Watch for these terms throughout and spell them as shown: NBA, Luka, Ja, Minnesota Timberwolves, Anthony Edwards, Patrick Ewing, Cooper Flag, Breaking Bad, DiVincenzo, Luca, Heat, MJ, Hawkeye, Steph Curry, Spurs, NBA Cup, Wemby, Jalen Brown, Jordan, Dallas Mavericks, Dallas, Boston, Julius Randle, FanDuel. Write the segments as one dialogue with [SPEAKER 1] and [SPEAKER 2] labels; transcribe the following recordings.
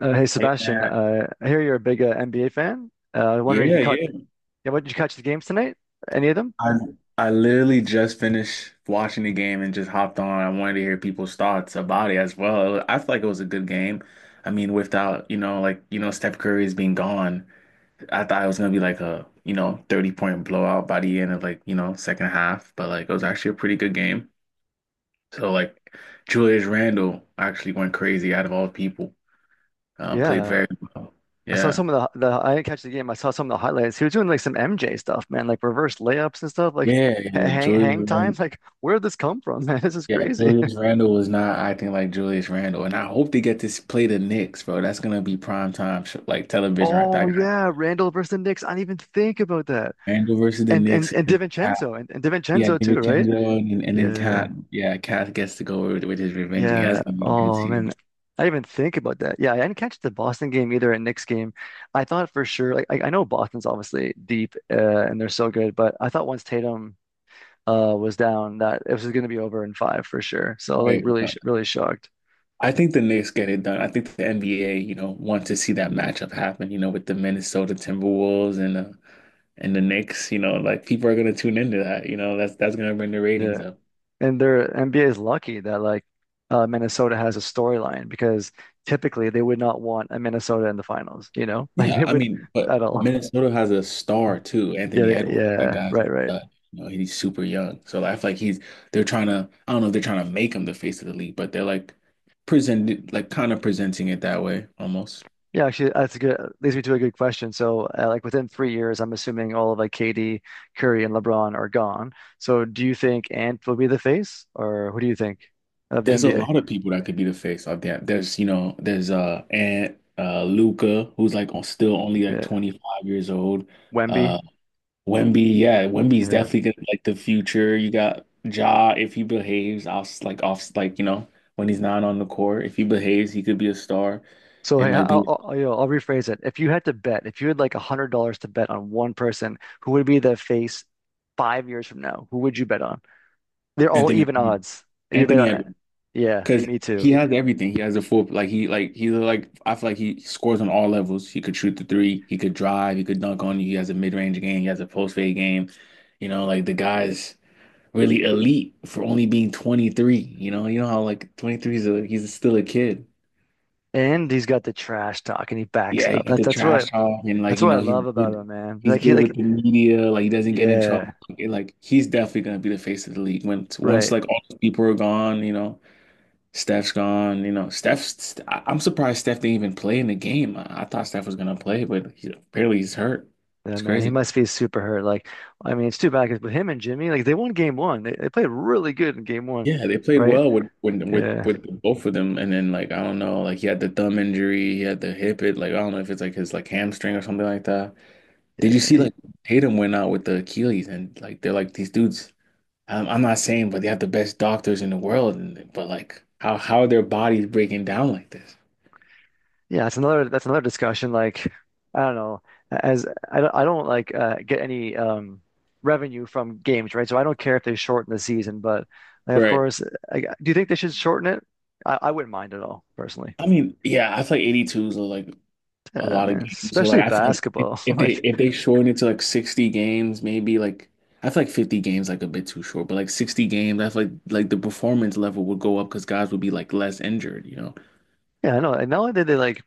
[SPEAKER 1] Hey
[SPEAKER 2] Hey
[SPEAKER 1] Sebastian,
[SPEAKER 2] man.
[SPEAKER 1] I hear you're a big, NBA fan. Wondering if you
[SPEAKER 2] Yeah,
[SPEAKER 1] caught,
[SPEAKER 2] yeah.
[SPEAKER 1] yeah, what did you catch the games tonight? Any of them?
[SPEAKER 2] I I literally just finished watching the game and just hopped on. I wanted to hear people's thoughts about it as well. I feel like it was a good game. I mean, without, like, Steph Curry's being gone, I thought it was gonna be like a, 30 point blowout by the end of like, second half, but like it was actually a pretty good game. So like Julius Randle actually went crazy out of all people. Played
[SPEAKER 1] Yeah,
[SPEAKER 2] very well.
[SPEAKER 1] I saw
[SPEAKER 2] Yeah.
[SPEAKER 1] some of the, the. I didn't catch the game. I saw some of the highlights. He was doing like some MJ stuff, man, like reverse layups and stuff, like
[SPEAKER 2] Yeah,
[SPEAKER 1] ha-
[SPEAKER 2] yeah.
[SPEAKER 1] hang hang
[SPEAKER 2] Julius
[SPEAKER 1] times. Like, where did this come from, man? This is
[SPEAKER 2] Yeah,
[SPEAKER 1] crazy.
[SPEAKER 2] Julius Randle was not acting like Julius Randle, and I hope they get to play the Knicks, bro. That's gonna be prime time sh like television right there.
[SPEAKER 1] Oh
[SPEAKER 2] I got
[SPEAKER 1] yeah, Randall versus the Knicks. I didn't even think about that.
[SPEAKER 2] Randle versus the
[SPEAKER 1] And
[SPEAKER 2] Knicks
[SPEAKER 1] and
[SPEAKER 2] and
[SPEAKER 1] and
[SPEAKER 2] then Cat.
[SPEAKER 1] DiVincenzo and
[SPEAKER 2] Yeah,
[SPEAKER 1] DiVincenzo too, right?
[SPEAKER 2] DiVincenzo and, and then
[SPEAKER 1] Yeah.
[SPEAKER 2] Cat. Yeah, Cat gets to go with his revenge game. That's
[SPEAKER 1] Yeah.
[SPEAKER 2] gonna be a good
[SPEAKER 1] Oh man,
[SPEAKER 2] series.
[SPEAKER 1] I didn't even think about that. Yeah, I didn't catch the Boston game either and Knicks game. I thought for sure, like I know Boston's obviously deep, and they're so good, but I thought once Tatum was down that it was going to be over in five for sure. So like
[SPEAKER 2] Right,
[SPEAKER 1] really, sh-
[SPEAKER 2] but
[SPEAKER 1] really shocked.
[SPEAKER 2] I think the Knicks get it done. I think the NBA, you know, wants to see that matchup happen. You know, with the Minnesota Timberwolves and the Knicks. You know, like people are gonna tune into that. You know, that's gonna bring the ratings
[SPEAKER 1] Yeah,
[SPEAKER 2] up.
[SPEAKER 1] and their NBA is lucky that like, Minnesota has a storyline because typically they would not want a Minnesota in the finals. You know, like
[SPEAKER 2] Yeah,
[SPEAKER 1] they
[SPEAKER 2] I
[SPEAKER 1] wouldn't
[SPEAKER 2] mean, but
[SPEAKER 1] at all.
[SPEAKER 2] Minnesota has a star too,
[SPEAKER 1] Yeah,
[SPEAKER 2] Anthony
[SPEAKER 1] yeah,
[SPEAKER 2] Edwards. That
[SPEAKER 1] yeah,
[SPEAKER 2] guy's a
[SPEAKER 1] right, right.
[SPEAKER 2] stud. You know, he's super young. So like, I feel like he's they're trying to I don't know if they're trying to make him the face of the league, but they're like presented like kind of presenting it that way almost.
[SPEAKER 1] Yeah, actually, that's a good leads me to a good question. So, like within 3 years, I'm assuming all of like KD, Curry, and LeBron are gone. So, do you think Ant will be the face, or who do you think of the
[SPEAKER 2] There's a
[SPEAKER 1] NBA?
[SPEAKER 2] lot of people that could be the face of that. There's, you know, there's Ant Luca who's like still only like
[SPEAKER 1] Yeah,
[SPEAKER 2] 25 years old.
[SPEAKER 1] Wemby.
[SPEAKER 2] Uh, Wemby, yeah, Wemby's
[SPEAKER 1] Yeah.
[SPEAKER 2] definitely gonna be like the future. You got Ja if he behaves off like you know when he's not on the court. If he behaves, he could be a star
[SPEAKER 1] So, hey,
[SPEAKER 2] and like be
[SPEAKER 1] I'll rephrase it. If you had to bet, if you had like $100 to bet on one person, who would be the face 5 years from now? Who would you bet on? They're all
[SPEAKER 2] Anthony
[SPEAKER 1] even odds. You bet
[SPEAKER 2] Anthony
[SPEAKER 1] on,
[SPEAKER 2] Edwards
[SPEAKER 1] yeah,
[SPEAKER 2] because
[SPEAKER 1] me too.
[SPEAKER 2] he has everything. He has a full like he like he's like I feel like he scores on all levels. He could shoot the three. He could drive. He could dunk on you. He has a mid range game. He has a post fade game. You know, like the guy's really elite for only being 23. You know how like 23 is a he's still a kid.
[SPEAKER 1] And he's got the trash talk, and he backs
[SPEAKER 2] Yeah,
[SPEAKER 1] it
[SPEAKER 2] he
[SPEAKER 1] up.
[SPEAKER 2] got
[SPEAKER 1] That's
[SPEAKER 2] the
[SPEAKER 1] that's really.
[SPEAKER 2] trash talk and like,
[SPEAKER 1] That's
[SPEAKER 2] you
[SPEAKER 1] what I
[SPEAKER 2] know,
[SPEAKER 1] love about him, man.
[SPEAKER 2] he's
[SPEAKER 1] Like he
[SPEAKER 2] good with
[SPEAKER 1] like,
[SPEAKER 2] the media, like he doesn't get in
[SPEAKER 1] yeah,
[SPEAKER 2] trouble. Like, and, like, he's definitely gonna be the face of the league when once
[SPEAKER 1] right.
[SPEAKER 2] like all those people are gone, you know, Steph's gone, you know, I'm surprised Steph didn't even play in the game. I thought Steph was gonna play, but he, apparently he's hurt.
[SPEAKER 1] Yeah,
[SPEAKER 2] It's
[SPEAKER 1] man, he
[SPEAKER 2] crazy.
[SPEAKER 1] must be super hurt. Like, I mean, it's too bad because with him and Jimmy, like they won game one. They played really good in game one,
[SPEAKER 2] Yeah, they played
[SPEAKER 1] right?
[SPEAKER 2] well with when
[SPEAKER 1] Yeah,
[SPEAKER 2] with both of them, and then like I don't know, like he had the thumb injury, he had the hip it, like I don't know if it's like his like hamstring or something like that. Did you see
[SPEAKER 1] He-
[SPEAKER 2] like Tatum went out with the Achilles and like they're like these dudes. I'm not saying, but they have the best doctors in the world, and but like how are their bodies breaking down like this?
[SPEAKER 1] yeah. That's another discussion. Like, I don't know. As I don't I don't, like, get any, revenue from games, right? So I don't care if they shorten the season, but like, of
[SPEAKER 2] Right.
[SPEAKER 1] course, do you think they should shorten it? I wouldn't mind at all, personally.
[SPEAKER 2] I mean, yeah, I feel like 82's are like a
[SPEAKER 1] Yeah,
[SPEAKER 2] lot of
[SPEAKER 1] man,
[SPEAKER 2] games. So like
[SPEAKER 1] especially
[SPEAKER 2] I feel like if,
[SPEAKER 1] basketball. Like.
[SPEAKER 2] if they shorten it to like 60 games, maybe like I feel like 50 games like a bit too short, but like 60 games, I feel like the performance level would go up because guys would be like less injured, you know?
[SPEAKER 1] Yeah, I know. And not only did they, like,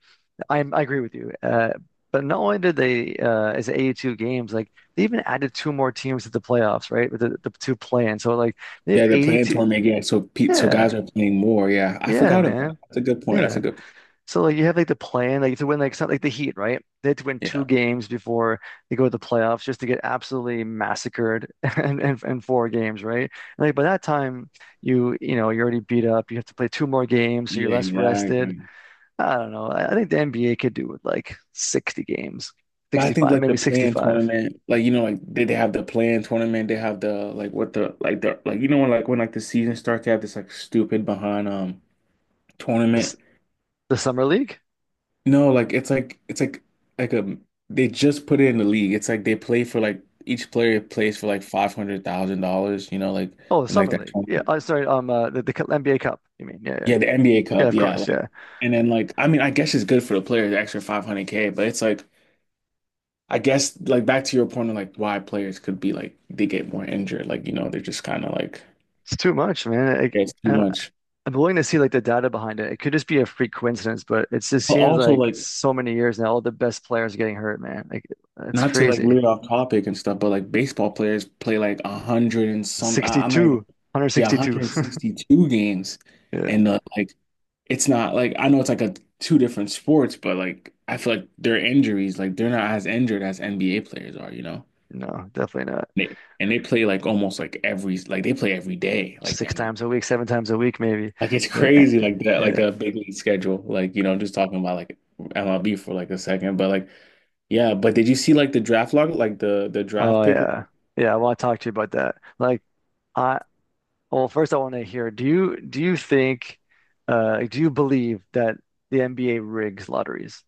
[SPEAKER 1] I agree with you. But not only did they, as 82 games, like they even added two more teams to the playoffs, right? With the two play-in. So like they have
[SPEAKER 2] Yeah, they're playing
[SPEAKER 1] 82.
[SPEAKER 2] tournament, yeah. So Pete, so guys
[SPEAKER 1] Yeah,
[SPEAKER 2] are playing more. Yeah, I
[SPEAKER 1] yeah,
[SPEAKER 2] forgot about it.
[SPEAKER 1] man.
[SPEAKER 2] That's a good point. That's a
[SPEAKER 1] Yeah.
[SPEAKER 2] good
[SPEAKER 1] So like you have like the plan, like to win like something like the Heat, right? They had to win two
[SPEAKER 2] Yeah,
[SPEAKER 1] games before they go to the playoffs just to get absolutely massacred, and four games, right? And like by that time, you know you're already beat up. You have to play two more games, so you're
[SPEAKER 2] yeah,
[SPEAKER 1] less rested.
[SPEAKER 2] exactly.
[SPEAKER 1] I don't know. I think the NBA could do with like 60 games,
[SPEAKER 2] But I think
[SPEAKER 1] 65,
[SPEAKER 2] like the
[SPEAKER 1] maybe
[SPEAKER 2] playing
[SPEAKER 1] 65.
[SPEAKER 2] tournament, like you know, like they have the playing tournament, they have the like what the like you know when like the season starts, they have this like stupid behind tournament.
[SPEAKER 1] This, the Summer League?
[SPEAKER 2] No, it's like a they just put it in the league. It's like they play for like each player plays for like $500,000, you know, like
[SPEAKER 1] Oh, the
[SPEAKER 2] and like
[SPEAKER 1] Summer
[SPEAKER 2] that
[SPEAKER 1] League. Yeah.
[SPEAKER 2] tournament.
[SPEAKER 1] I Sorry. The NBA Cup, you mean? Yeah, yeah,
[SPEAKER 2] Yeah, the NBA
[SPEAKER 1] yeah.
[SPEAKER 2] Cup,
[SPEAKER 1] Of
[SPEAKER 2] yeah,
[SPEAKER 1] course.
[SPEAKER 2] like
[SPEAKER 1] Yeah.
[SPEAKER 2] and then like I mean I guess it's good for the player, the extra 500 K, but it's like I guess like back to your point of like why players could be like they get more injured, like you know they're just kind of like
[SPEAKER 1] It's too much, man. I,
[SPEAKER 2] it's
[SPEAKER 1] I
[SPEAKER 2] too
[SPEAKER 1] don't,
[SPEAKER 2] much.
[SPEAKER 1] I'm willing to see like the data behind it. It could just be a freak coincidence, but it just
[SPEAKER 2] But
[SPEAKER 1] seems
[SPEAKER 2] also
[SPEAKER 1] like
[SPEAKER 2] like
[SPEAKER 1] so many years now, all the best players are getting hurt, man. Like it's
[SPEAKER 2] not to like
[SPEAKER 1] crazy.
[SPEAKER 2] lead off topic and stuff, but like baseball players play like a hundred and some I might
[SPEAKER 1] 62,
[SPEAKER 2] yeah
[SPEAKER 1] 162.
[SPEAKER 2] 162 games,
[SPEAKER 1] Yeah.
[SPEAKER 2] and like it's not like I know it's like a two different sports, but like I feel like their injuries like they're not as injured as NBA players are, you know?
[SPEAKER 1] No, definitely not.
[SPEAKER 2] They, and they play like almost like every like they play every day like
[SPEAKER 1] Six
[SPEAKER 2] damn near.
[SPEAKER 1] times a week, seven times a week, maybe.
[SPEAKER 2] Like it's
[SPEAKER 1] Yeah.
[SPEAKER 2] crazy, like that, like a big league schedule. Like you know, I'm just talking about like MLB for like a second, but like yeah. But did you see like the draft log, like the draft
[SPEAKER 1] Oh
[SPEAKER 2] pick, like,
[SPEAKER 1] yeah. Yeah, well, I want to talk to you about that. Like I well, first I want to hear, do you think, do you believe that the NBA rigs lotteries?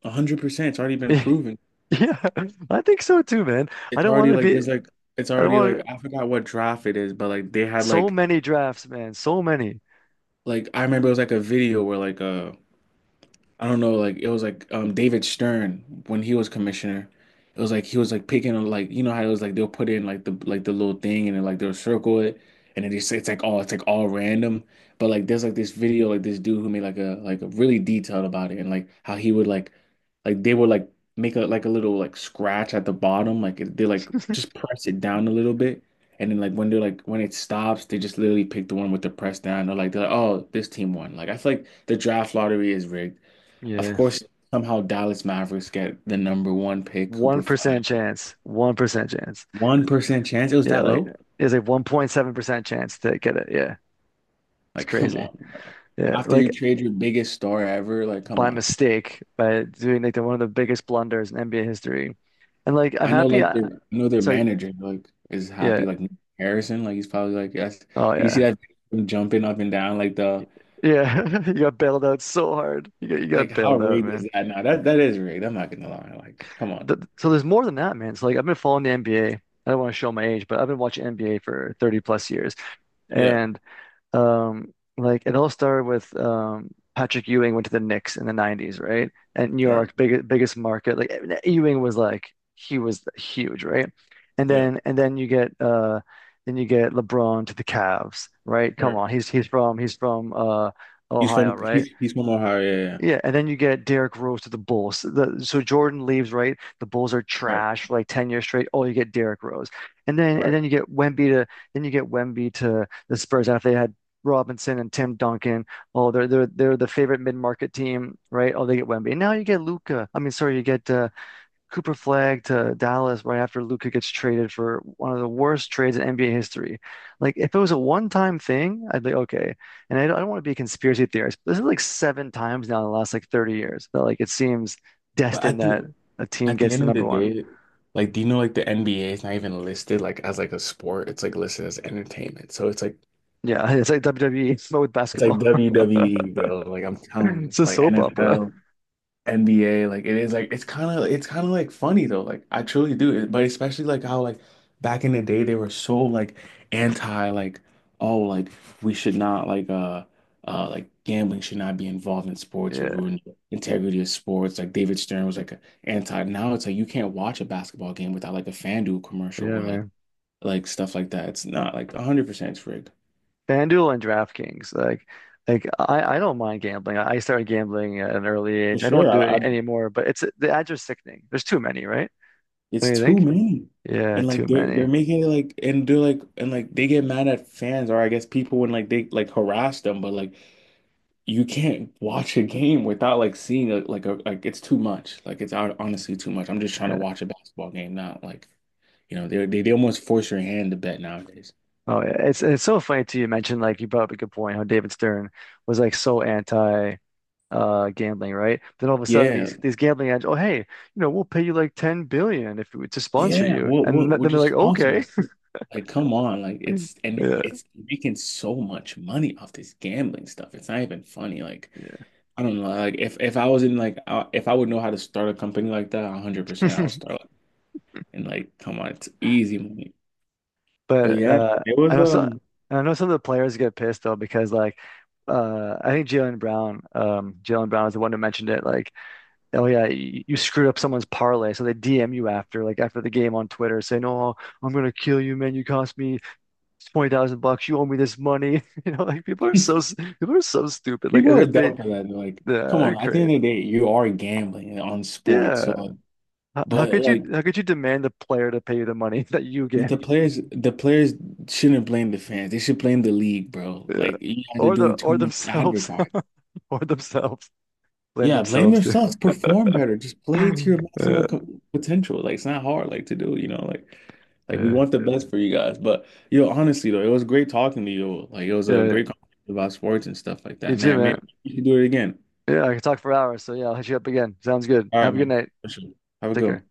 [SPEAKER 2] 100%? It's already been proven.
[SPEAKER 1] Yeah, I think so too, man. I
[SPEAKER 2] It's
[SPEAKER 1] don't want
[SPEAKER 2] already
[SPEAKER 1] to
[SPEAKER 2] like
[SPEAKER 1] be
[SPEAKER 2] there's like it's
[SPEAKER 1] I don't
[SPEAKER 2] already like
[SPEAKER 1] want
[SPEAKER 2] I forgot what draft it is, but like they had
[SPEAKER 1] so many drafts, man. So many.
[SPEAKER 2] like I remember it was like a video where like I don't know, like it was like David Stern when he was commissioner. It was like he was like picking on like you know how it was like they'll put in like the little thing and then like they'll circle it and then they say it's like all random. But like there's like this video like this dude who made like a really detailed about it and like how he would like they would like make a like a little like scratch at the bottom like they like just press it down a little bit and then like when they're like when it stops they just literally pick the one with the press down or like they're like oh this team won like I feel like the draft lottery is rigged. Of
[SPEAKER 1] Yeah.
[SPEAKER 2] course, somehow Dallas Mavericks get the number one pick, Cooper Flag.
[SPEAKER 1] 1% chance. 1% chance.
[SPEAKER 2] 1% chance it was
[SPEAKER 1] Yeah,
[SPEAKER 2] that
[SPEAKER 1] like
[SPEAKER 2] low?
[SPEAKER 1] it's a 1.7% chance to get it. Yeah. It's
[SPEAKER 2] Like, come
[SPEAKER 1] crazy.
[SPEAKER 2] on, bro.
[SPEAKER 1] Yeah.
[SPEAKER 2] After you
[SPEAKER 1] Like
[SPEAKER 2] trade your biggest star ever, like, come
[SPEAKER 1] by
[SPEAKER 2] on.
[SPEAKER 1] mistake by doing like one of the biggest blunders in NBA history. And like I'm
[SPEAKER 2] I know,
[SPEAKER 1] happy
[SPEAKER 2] like, their I know their
[SPEAKER 1] it's like
[SPEAKER 2] manager, like, is
[SPEAKER 1] yeah,
[SPEAKER 2] happy. Like Nick Harrison, like, he's probably like, yes.
[SPEAKER 1] oh
[SPEAKER 2] You see
[SPEAKER 1] yeah.
[SPEAKER 2] that video of him jumping up and down, like the,
[SPEAKER 1] Yeah. You got bailed out so hard. You got you
[SPEAKER 2] like,
[SPEAKER 1] got
[SPEAKER 2] how
[SPEAKER 1] bailed out,
[SPEAKER 2] rigged
[SPEAKER 1] man.
[SPEAKER 2] is that now? That is rigged. I'm not gonna lie. Like, come on.
[SPEAKER 1] Th so there's more than that, man. It's like I've been following the NBA. I don't want to show my age, but I've been watching NBA for 30 plus years.
[SPEAKER 2] Yeah,
[SPEAKER 1] And like it all started with, Patrick Ewing went to the Knicks in the 90s, right? And New
[SPEAKER 2] right.
[SPEAKER 1] York, biggest market. Like, Ewing was like he was huge, right? And
[SPEAKER 2] Yeah,
[SPEAKER 1] then and then you get uh then you get LeBron to the Cavs, right? Come
[SPEAKER 2] right.
[SPEAKER 1] on, he's from Ohio, right?
[SPEAKER 2] He's from Ohio. Yeah, yeah.
[SPEAKER 1] Yeah, and then you get Derrick Rose to the Bulls. So Jordan leaves, right? The Bulls are
[SPEAKER 2] Right,
[SPEAKER 1] trash for like 10 years straight. Oh, you get Derrick Rose. And
[SPEAKER 2] right.
[SPEAKER 1] then you get Wemby to then you get Wemby to the Spurs after they had Robinson and Tim Duncan. Oh, they're the favorite mid-market team, right? Oh, they get Wemby. And now you get Luca. I mean, sorry, you get, Cooper Flag to Dallas right after Luka gets traded for one of the worst trades in NBA history. Like, if it was a one-time thing, I'd be okay. And I don't want to be a conspiracy theorist, but this is like seven times now in the last like 30 years that like it seems
[SPEAKER 2] But I
[SPEAKER 1] destined that
[SPEAKER 2] think
[SPEAKER 1] a team
[SPEAKER 2] At the
[SPEAKER 1] gets
[SPEAKER 2] end
[SPEAKER 1] the
[SPEAKER 2] of the
[SPEAKER 1] number one.
[SPEAKER 2] day, like, do you know like the NBA is not even listed like as like a sport? It's like listed as entertainment. So
[SPEAKER 1] Yeah, it's like WWE but with
[SPEAKER 2] it's like
[SPEAKER 1] basketball.
[SPEAKER 2] WWE, bro. Like I'm telling you,
[SPEAKER 1] It's a
[SPEAKER 2] like
[SPEAKER 1] soap opera.
[SPEAKER 2] NFL, NBA. Like it is like it's kind of like funny though. Like I truly do. But especially like how like back in the day they were so like anti like oh like we should not like like gambling should not be involved in sports or
[SPEAKER 1] Yeah,
[SPEAKER 2] ruin the integrity of sports. Like David Stern was like a anti. Now it's like you can't watch a basketball game without like a FanDuel commercial
[SPEAKER 1] yeah,
[SPEAKER 2] or
[SPEAKER 1] man.
[SPEAKER 2] like stuff like that. It's not like 100% it's rigged.
[SPEAKER 1] FanDuel and DraftKings, like. Like, I don't mind gambling. I started gambling at an early
[SPEAKER 2] For
[SPEAKER 1] age. I don't
[SPEAKER 2] sure.
[SPEAKER 1] do it,
[SPEAKER 2] I
[SPEAKER 1] anymore, but it's the ads are sickening. There's too many, right?
[SPEAKER 2] It's
[SPEAKER 1] Don't you
[SPEAKER 2] too
[SPEAKER 1] think?
[SPEAKER 2] many.
[SPEAKER 1] Yeah,
[SPEAKER 2] And like
[SPEAKER 1] too
[SPEAKER 2] they're
[SPEAKER 1] many.
[SPEAKER 2] making it like and they're like and like they get mad at fans or I guess people when like they like harass them, but like you can't watch a game without like seeing a like it's too much. Like it's honestly too much. I'm just trying to
[SPEAKER 1] Yeah.
[SPEAKER 2] watch a basketball game not Like, you know, they almost force your hand to bet nowadays.
[SPEAKER 1] Oh yeah. It's so funny too. You mentioned, like, you brought up a good point how David Stern was like so anti, gambling, right? Then all of a sudden
[SPEAKER 2] Yeah,
[SPEAKER 1] these gambling ads, oh hey, you know, we'll pay you like 10 billion if we to sponsor
[SPEAKER 2] Yeah,
[SPEAKER 1] you.
[SPEAKER 2] what
[SPEAKER 1] And
[SPEAKER 2] what
[SPEAKER 1] th-
[SPEAKER 2] what
[SPEAKER 1] then they're like,
[SPEAKER 2] just
[SPEAKER 1] okay.
[SPEAKER 2] also like come on, like it's and
[SPEAKER 1] Yeah.
[SPEAKER 2] it's making so much money off this gambling stuff. It's not even funny. Like
[SPEAKER 1] Yeah.
[SPEAKER 2] I don't know, like if I was in like if I would know how to start a company like that, 100% I would start like, and like come on, it's easy money. But
[SPEAKER 1] But
[SPEAKER 2] yeah, it
[SPEAKER 1] I
[SPEAKER 2] was
[SPEAKER 1] know so I know some of the players get pissed though because like, I think Jalen Brown is the one who mentioned it. Like, oh yeah, you screwed up someone's parlay, so they DM you after, like after the game on Twitter, saying, "Oh, I'm gonna kill you, man. You cost me 20,000 bucks. You owe me this money." You know, like people are so stupid. Like
[SPEAKER 2] people
[SPEAKER 1] as
[SPEAKER 2] are
[SPEAKER 1] if they, yeah,
[SPEAKER 2] dumb for that. They're like, come
[SPEAKER 1] they're
[SPEAKER 2] on, at the
[SPEAKER 1] crazy.
[SPEAKER 2] end of the day, you are gambling on sports. So
[SPEAKER 1] Yeah, how, how could you
[SPEAKER 2] like
[SPEAKER 1] how could you demand the player to pay you the money that you
[SPEAKER 2] But
[SPEAKER 1] gambled?
[SPEAKER 2] the players shouldn't blame the fans. They should blame the league, bro.
[SPEAKER 1] Yeah,
[SPEAKER 2] Like you guys are doing too
[SPEAKER 1] or
[SPEAKER 2] much
[SPEAKER 1] themselves,
[SPEAKER 2] advertising.
[SPEAKER 1] or themselves blame
[SPEAKER 2] Yeah, blame
[SPEAKER 1] themselves too.
[SPEAKER 2] themselves. Perform better. Just play to your
[SPEAKER 1] Yeah,
[SPEAKER 2] maximum potential. Like it's not hard, like to do. You know, like we
[SPEAKER 1] yeah,
[SPEAKER 2] want the best for you guys. But yo, honestly though, it was great talking to you. Like it was a
[SPEAKER 1] yeah.
[SPEAKER 2] great conversation about sports and stuff like
[SPEAKER 1] You
[SPEAKER 2] that,
[SPEAKER 1] too,
[SPEAKER 2] man. Maybe
[SPEAKER 1] man.
[SPEAKER 2] we should do it again.
[SPEAKER 1] Yeah, I could talk for hours. So yeah, I'll hit you up again. Sounds good.
[SPEAKER 2] All
[SPEAKER 1] Have
[SPEAKER 2] right,
[SPEAKER 1] a good
[SPEAKER 2] man.
[SPEAKER 1] night.
[SPEAKER 2] For sure. Have a
[SPEAKER 1] Take
[SPEAKER 2] good one.
[SPEAKER 1] care.